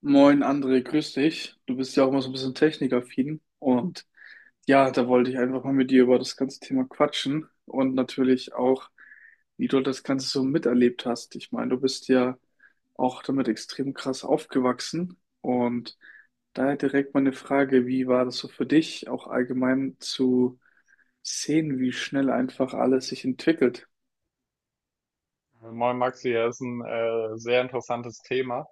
Moin André, grüß dich. Du bist ja auch mal so ein bisschen technikaffin und ja, da wollte ich einfach mal mit dir über das ganze Thema quatschen und natürlich auch, wie du das Ganze so miterlebt hast. Ich meine, du bist ja auch damit extrem krass aufgewachsen und daher direkt meine Frage, wie war das so für dich, auch allgemein zu sehen, wie schnell einfach alles sich entwickelt? Moin Maxi, das ist ein sehr interessantes Thema.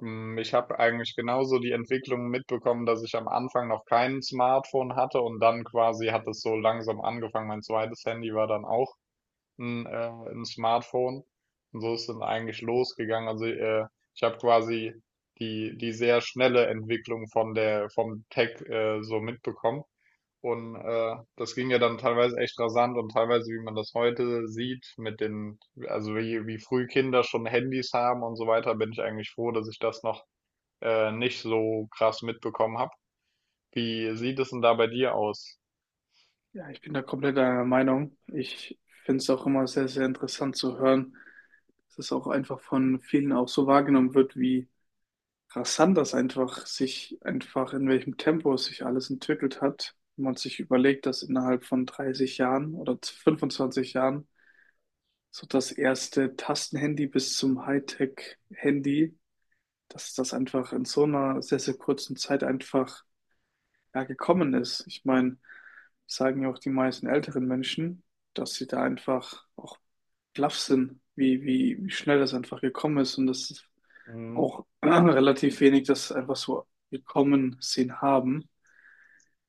Ich habe eigentlich genauso die Entwicklung mitbekommen, dass ich am Anfang noch kein Smartphone hatte und dann quasi hat es so langsam angefangen. Mein zweites Handy war dann auch ein Smartphone und so ist es dann eigentlich losgegangen. Also ich habe quasi die sehr schnelle Entwicklung von der vom Tech so mitbekommen. Und das ging ja dann teilweise echt rasant und teilweise, wie man das heute sieht, mit den, also wie früh Kinder schon Handys haben und so weiter, bin ich eigentlich froh, dass ich das noch nicht so krass mitbekommen habe. Wie sieht es denn da bei dir aus? Ja, ich bin da komplett einer Meinung. Ich finde es auch immer sehr, sehr interessant zu hören, dass es auch einfach von vielen auch so wahrgenommen wird, wie rasant das einfach sich einfach in welchem Tempo es sich alles entwickelt hat. Wenn man sich überlegt, dass innerhalb von 30 Jahren oder 25 Jahren so das erste Tastenhandy bis zum Hightech-Handy, dass das einfach in so einer sehr, sehr kurzen Zeit einfach ja, gekommen ist. Ich meine, sagen ja auch die meisten älteren Menschen, dass sie da einfach auch baff sind, wie schnell das einfach gekommen ist und das ist Mhm. auch relativ wenig das einfach so gekommen sehen haben.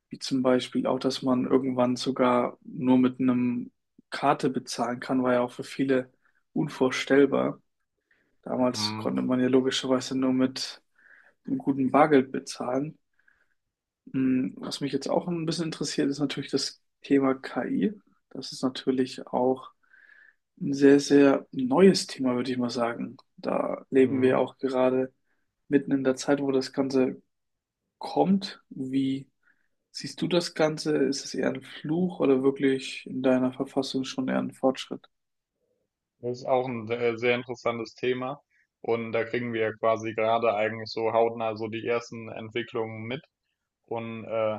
Wie zum Beispiel auch, dass man irgendwann sogar nur mit einem Karte bezahlen kann, war ja auch für viele unvorstellbar. Damals Mhm. konnte man ja logischerweise nur mit einem guten Bargeld bezahlen. Hm, was mich jetzt auch ein bisschen interessiert, ist natürlich das Thema KI. Das ist natürlich auch ein sehr, sehr neues Thema, würde ich mal sagen. Da leben wir Mhm. auch gerade mitten in der Zeit, wo das Ganze kommt. Wie siehst du das Ganze? Ist es eher ein Fluch oder wirklich in deiner Verfassung schon eher ein Fortschritt? Das ist auch ein sehr, sehr interessantes Thema. Und da kriegen wir ja quasi gerade eigentlich so hautnah so die ersten Entwicklungen mit. Und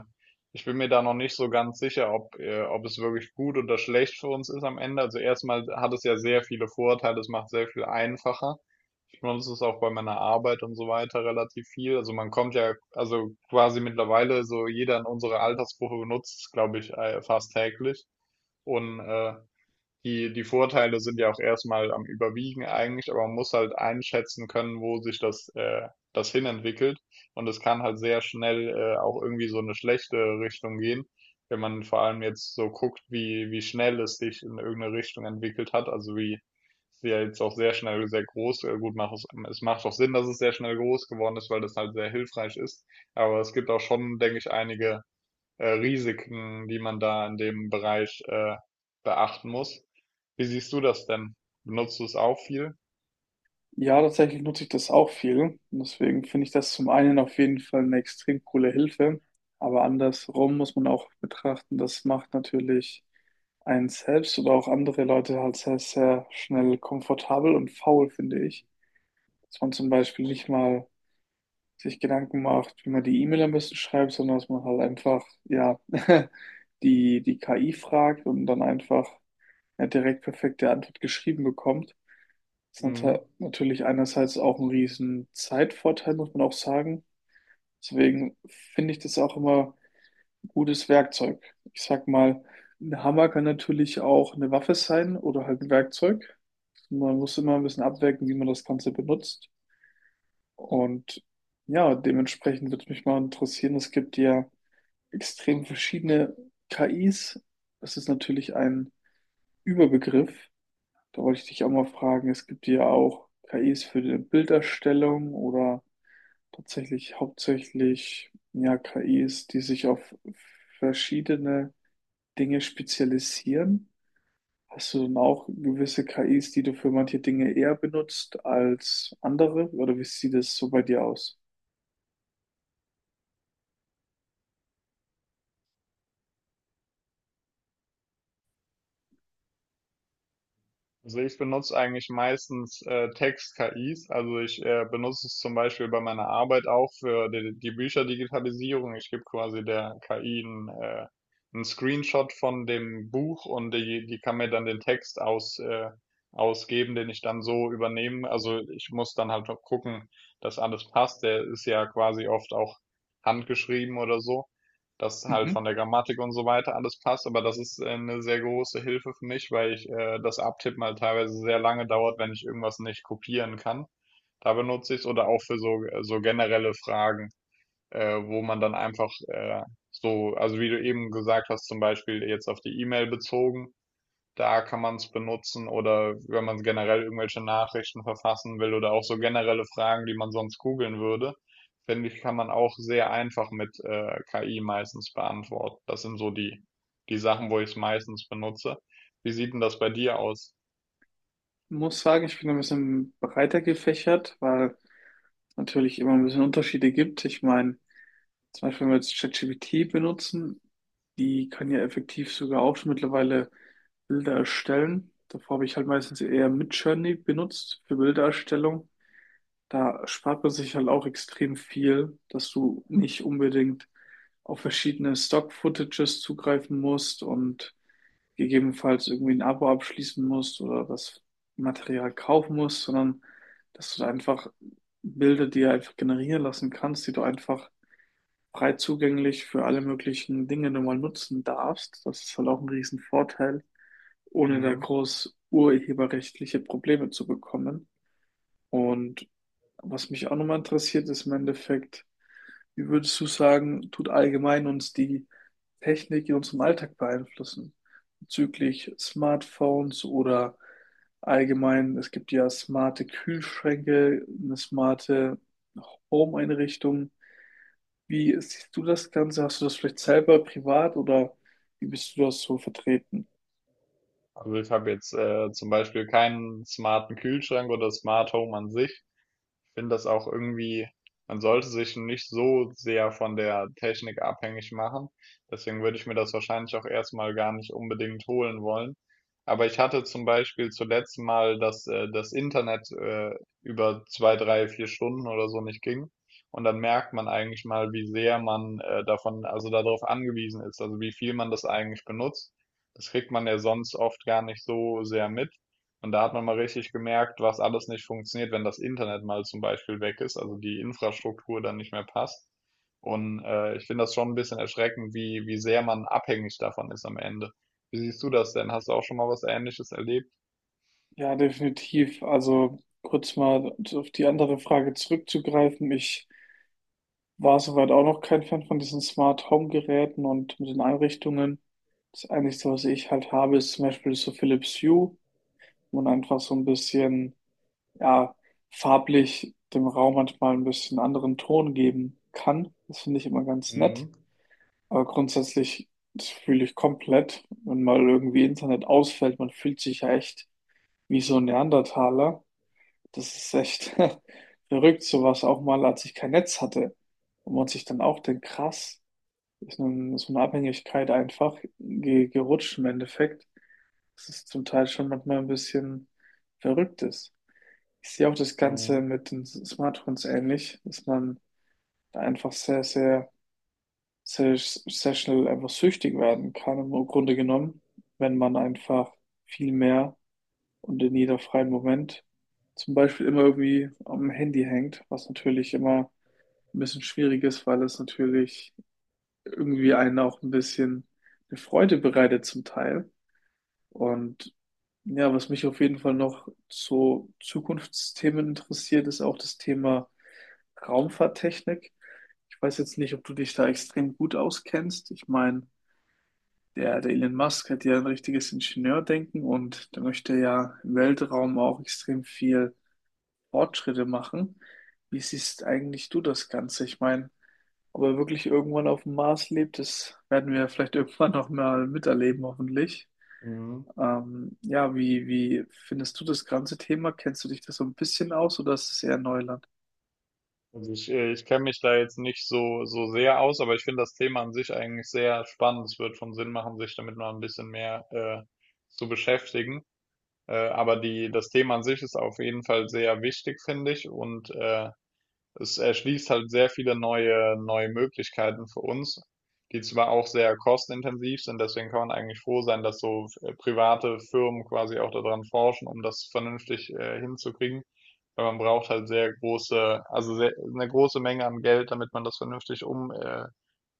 ich bin mir da noch nicht so ganz sicher, ob es wirklich gut oder schlecht für uns ist am Ende. Also erstmal hat es ja sehr viele Vorteile, es macht sehr viel einfacher. Ich benutze es auch bei meiner Arbeit und so weiter relativ viel. Also man kommt ja, also quasi mittlerweile so jeder in unserer Altersgruppe benutzt es, glaube ich, fast täglich. Und die, die Vorteile sind ja auch erstmal am Überwiegen eigentlich, aber man muss halt einschätzen können, wo sich das hinentwickelt. Und es kann halt sehr schnell, auch irgendwie so eine schlechte Richtung gehen, wenn man vor allem jetzt so guckt, wie schnell es sich in irgendeine Richtung entwickelt hat. Also wie es ja jetzt auch sehr schnell sehr groß, gut macht es, es macht auch Sinn, dass es sehr schnell groß geworden ist, weil das halt sehr hilfreich ist. Aber es gibt auch schon, denke ich, einige Risiken, die man da in dem Bereich beachten muss. Wie siehst du das denn? Benutzt du es auch viel? Ja, tatsächlich nutze ich das auch viel. Und deswegen finde ich das zum einen auf jeden Fall eine extrem coole Hilfe. Aber andersrum muss man auch betrachten, das macht natürlich einen selbst oder auch andere Leute halt sehr, sehr schnell komfortabel und faul, finde ich. Dass man zum Beispiel nicht mal sich Gedanken macht, wie man die E-Mail am besten schreibt, sondern dass man halt einfach, ja, die KI fragt und dann einfach eine direkt perfekte Antwort geschrieben bekommt ist Mhm. natürlich einerseits auch ein riesen Zeitvorteil, muss man auch sagen. Deswegen finde ich das auch immer ein gutes Werkzeug. Ich sag mal, ein Hammer kann natürlich auch eine Waffe sein oder halt ein Werkzeug. Man muss immer ein bisschen abwägen, wie man das Ganze benutzt. Und ja, dementsprechend würde mich mal interessieren, es gibt ja extrem verschiedene KIs. Das ist natürlich ein Überbegriff. Da wollte ich dich auch mal fragen, es gibt ja auch KIs für die Bilderstellung oder tatsächlich hauptsächlich ja, KIs, die sich auf verschiedene Dinge spezialisieren. Hast du dann auch gewisse KIs, die du für manche Dinge eher benutzt als andere? Oder wie sieht es so bei dir aus? Also ich benutze eigentlich meistens Text-KIs. Also ich benutze es zum Beispiel bei meiner Arbeit auch für die Bücherdigitalisierung. Ich gebe quasi der KI einen, einen Screenshot von dem Buch und die kann mir dann den Text ausgeben, den ich dann so übernehme. Also ich muss dann halt noch gucken, dass alles passt. Der ist ja quasi oft auch handgeschrieben oder so, dass halt Mhm. von der Grammatik und so weiter alles passt, aber das ist eine sehr große Hilfe für mich, weil ich das Abtippen halt teilweise sehr lange dauert, wenn ich irgendwas nicht kopieren kann. Da benutze ich es oder auch für so generelle Fragen, wo man dann einfach wie du eben gesagt hast, zum Beispiel jetzt auf die E-Mail bezogen, da kann man es benutzen oder wenn man generell irgendwelche Nachrichten verfassen will oder auch so generelle Fragen, die man sonst googeln würde, finde ich, kann man auch sehr einfach mit KI meistens beantworten. Das sind so die Sachen, wo ich es meistens benutze. Wie sieht denn das bei dir aus? Muss sagen, ich bin ein bisschen breiter gefächert, weil es natürlich immer ein bisschen Unterschiede gibt. Ich meine, zum Beispiel, wenn wir jetzt ChatGPT benutzen, die kann ja effektiv sogar auch schon mittlerweile Bilder erstellen. Davor habe ich halt meistens eher Midjourney benutzt für Bildererstellung. Da spart man sich halt auch extrem viel, dass du nicht unbedingt auf verschiedene Stock-Footages zugreifen musst und gegebenenfalls irgendwie ein Abo abschließen musst oder das Material kaufen musst, sondern dass du da einfach Bilder dir einfach generieren lassen kannst, die du einfach frei zugänglich für alle möglichen Dinge du mal nutzen darfst. Das ist halt auch ein Riesenvorteil, ohne da Mhm. groß urheberrechtliche Probleme zu bekommen. Und was mich auch nochmal interessiert, ist im Endeffekt, wie würdest du sagen, tut allgemein uns die Technik in unserem Alltag beeinflussen? Bezüglich Smartphones oder allgemein, es gibt ja smarte Kühlschränke, eine smarte Home-Einrichtung. Wie siehst du das Ganze? Hast du das vielleicht selber privat oder wie bist du das so vertreten? Also, ich habe jetzt, zum Beispiel keinen smarten Kühlschrank oder Smart Home an sich. Ich finde das auch irgendwie, man sollte sich nicht so sehr von der Technik abhängig machen. Deswegen würde ich mir das wahrscheinlich auch erstmal gar nicht unbedingt holen wollen. Aber ich hatte zum Beispiel zuletzt mal, dass das Internet über zwei, drei, vier Stunden oder so nicht ging. Und dann merkt man eigentlich mal, wie sehr man davon, also darauf angewiesen ist, also wie viel man das eigentlich benutzt. Das kriegt man ja sonst oft gar nicht so sehr mit. Und da hat man mal richtig gemerkt, was alles nicht funktioniert, wenn das Internet mal zum Beispiel weg ist, also die Infrastruktur dann nicht mehr passt. Und ich finde das schon ein bisschen erschreckend, wie sehr man abhängig davon ist am Ende. Wie siehst du das denn? Hast du auch schon mal was Ähnliches erlebt? Ja, definitiv. Also kurz mal auf die andere Frage zurückzugreifen. Ich war soweit auch noch kein Fan von diesen Smart Home Geräten und mit den Einrichtungen. Das Einzige, was ich halt habe, ist zum Beispiel so Philips Hue, wo man einfach so ein bisschen, ja, farblich dem Raum manchmal ein bisschen anderen Ton geben kann. Das finde ich immer ganz nett. Mhm. Aber grundsätzlich, das fühle ich komplett, wenn mal irgendwie Internet ausfällt, man fühlt sich ja echt wie so ein Neandertaler. Das ist echt verrückt, sowas auch mal, als ich kein Netz hatte. Und man sich dann auch denkt, krass, ist nun so eine Abhängigkeit einfach ge gerutscht im Endeffekt. Das ist zum Teil schon manchmal ein bisschen verrückt ist. Ich sehe auch das Ganze Mhm. mit den Smartphones ähnlich, dass man da einfach sehr, schnell einfach süchtig werden kann, im Grunde genommen, wenn man einfach viel mehr und in jeder freien Moment zum Beispiel immer irgendwie am Handy hängt, was natürlich immer ein bisschen schwierig ist, weil es natürlich irgendwie einen auch ein bisschen eine Freude bereitet zum Teil. Und ja, was mich auf jeden Fall noch zu Zukunftsthemen interessiert, ist auch das Thema Raumfahrttechnik. Ich weiß jetzt nicht, ob du dich da extrem gut auskennst. Ich meine, der Elon Musk hat ja ein richtiges Ingenieurdenken und der möchte ja im Weltraum auch extrem viel Fortschritte machen. Wie siehst eigentlich du das Ganze? Ich meine, ob er wirklich irgendwann auf dem Mars lebt, das werden wir vielleicht irgendwann noch mal miterleben, hoffentlich. Mhm. Wie findest du das ganze Thema? Kennst du dich da so ein bisschen aus oder ist es eher Neuland? Also ich kenne mich da jetzt nicht so sehr aus, aber ich finde das Thema an sich eigentlich sehr spannend. Es wird schon Sinn machen, sich damit mal ein bisschen mehr zu beschäftigen. Aber das Thema an sich ist auf jeden Fall sehr wichtig, finde ich. Und es erschließt halt sehr viele neue Möglichkeiten für uns, die zwar auch sehr kostenintensiv sind. Deswegen kann man eigentlich froh sein, dass so private Firmen quasi auch daran forschen, um das vernünftig hinzukriegen. Weil man braucht halt sehr große, also sehr, eine große Menge an Geld, damit man das vernünftig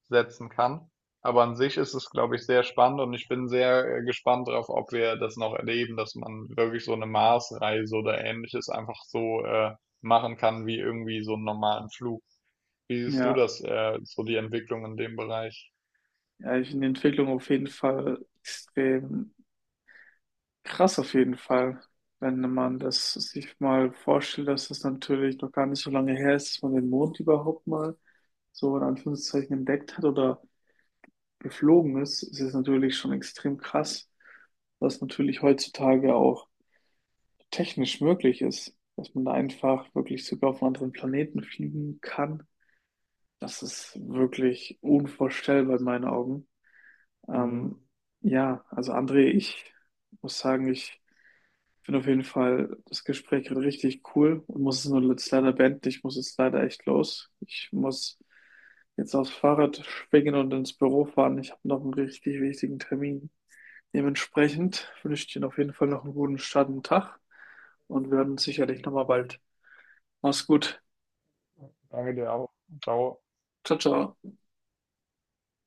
setzen kann. Aber an sich ist es, glaube ich, sehr spannend und ich bin sehr gespannt darauf, ob wir das noch erleben, dass man wirklich so eine Marsreise oder Ähnliches einfach so machen kann wie irgendwie so einen normalen Flug. Wie siehst du Ja, das, so die Entwicklung in dem Bereich? ja, ich finde die Entwicklung auf jeden Fall extrem krass auf jeden Fall, wenn man das sich mal vorstellt, dass das natürlich noch gar nicht so lange her ist, dass man den Mond überhaupt mal so in Anführungszeichen entdeckt hat oder geflogen ist, ist es natürlich schon extrem krass, was natürlich heutzutage auch technisch möglich ist, dass man da einfach wirklich sogar auf einen anderen Planeten fliegen kann. Das ist wirklich unvorstellbar in meinen Augen. Mhm. Ähm, ja, also André, ich muss sagen, ich finde auf jeden Fall das Gespräch gerade richtig cool und muss es nur jetzt leider beenden. Ich muss jetzt leider echt los. Ich muss jetzt aufs Fahrrad schwingen und ins Büro fahren. Ich habe noch einen richtig wichtigen Termin. Dementsprechend wünsche ich dir auf jeden Fall noch einen guten Start und Tag und wir hören uns sicherlich nochmal bald. Mach's gut. Danke dir auch. Ciao. Ciao, ciao.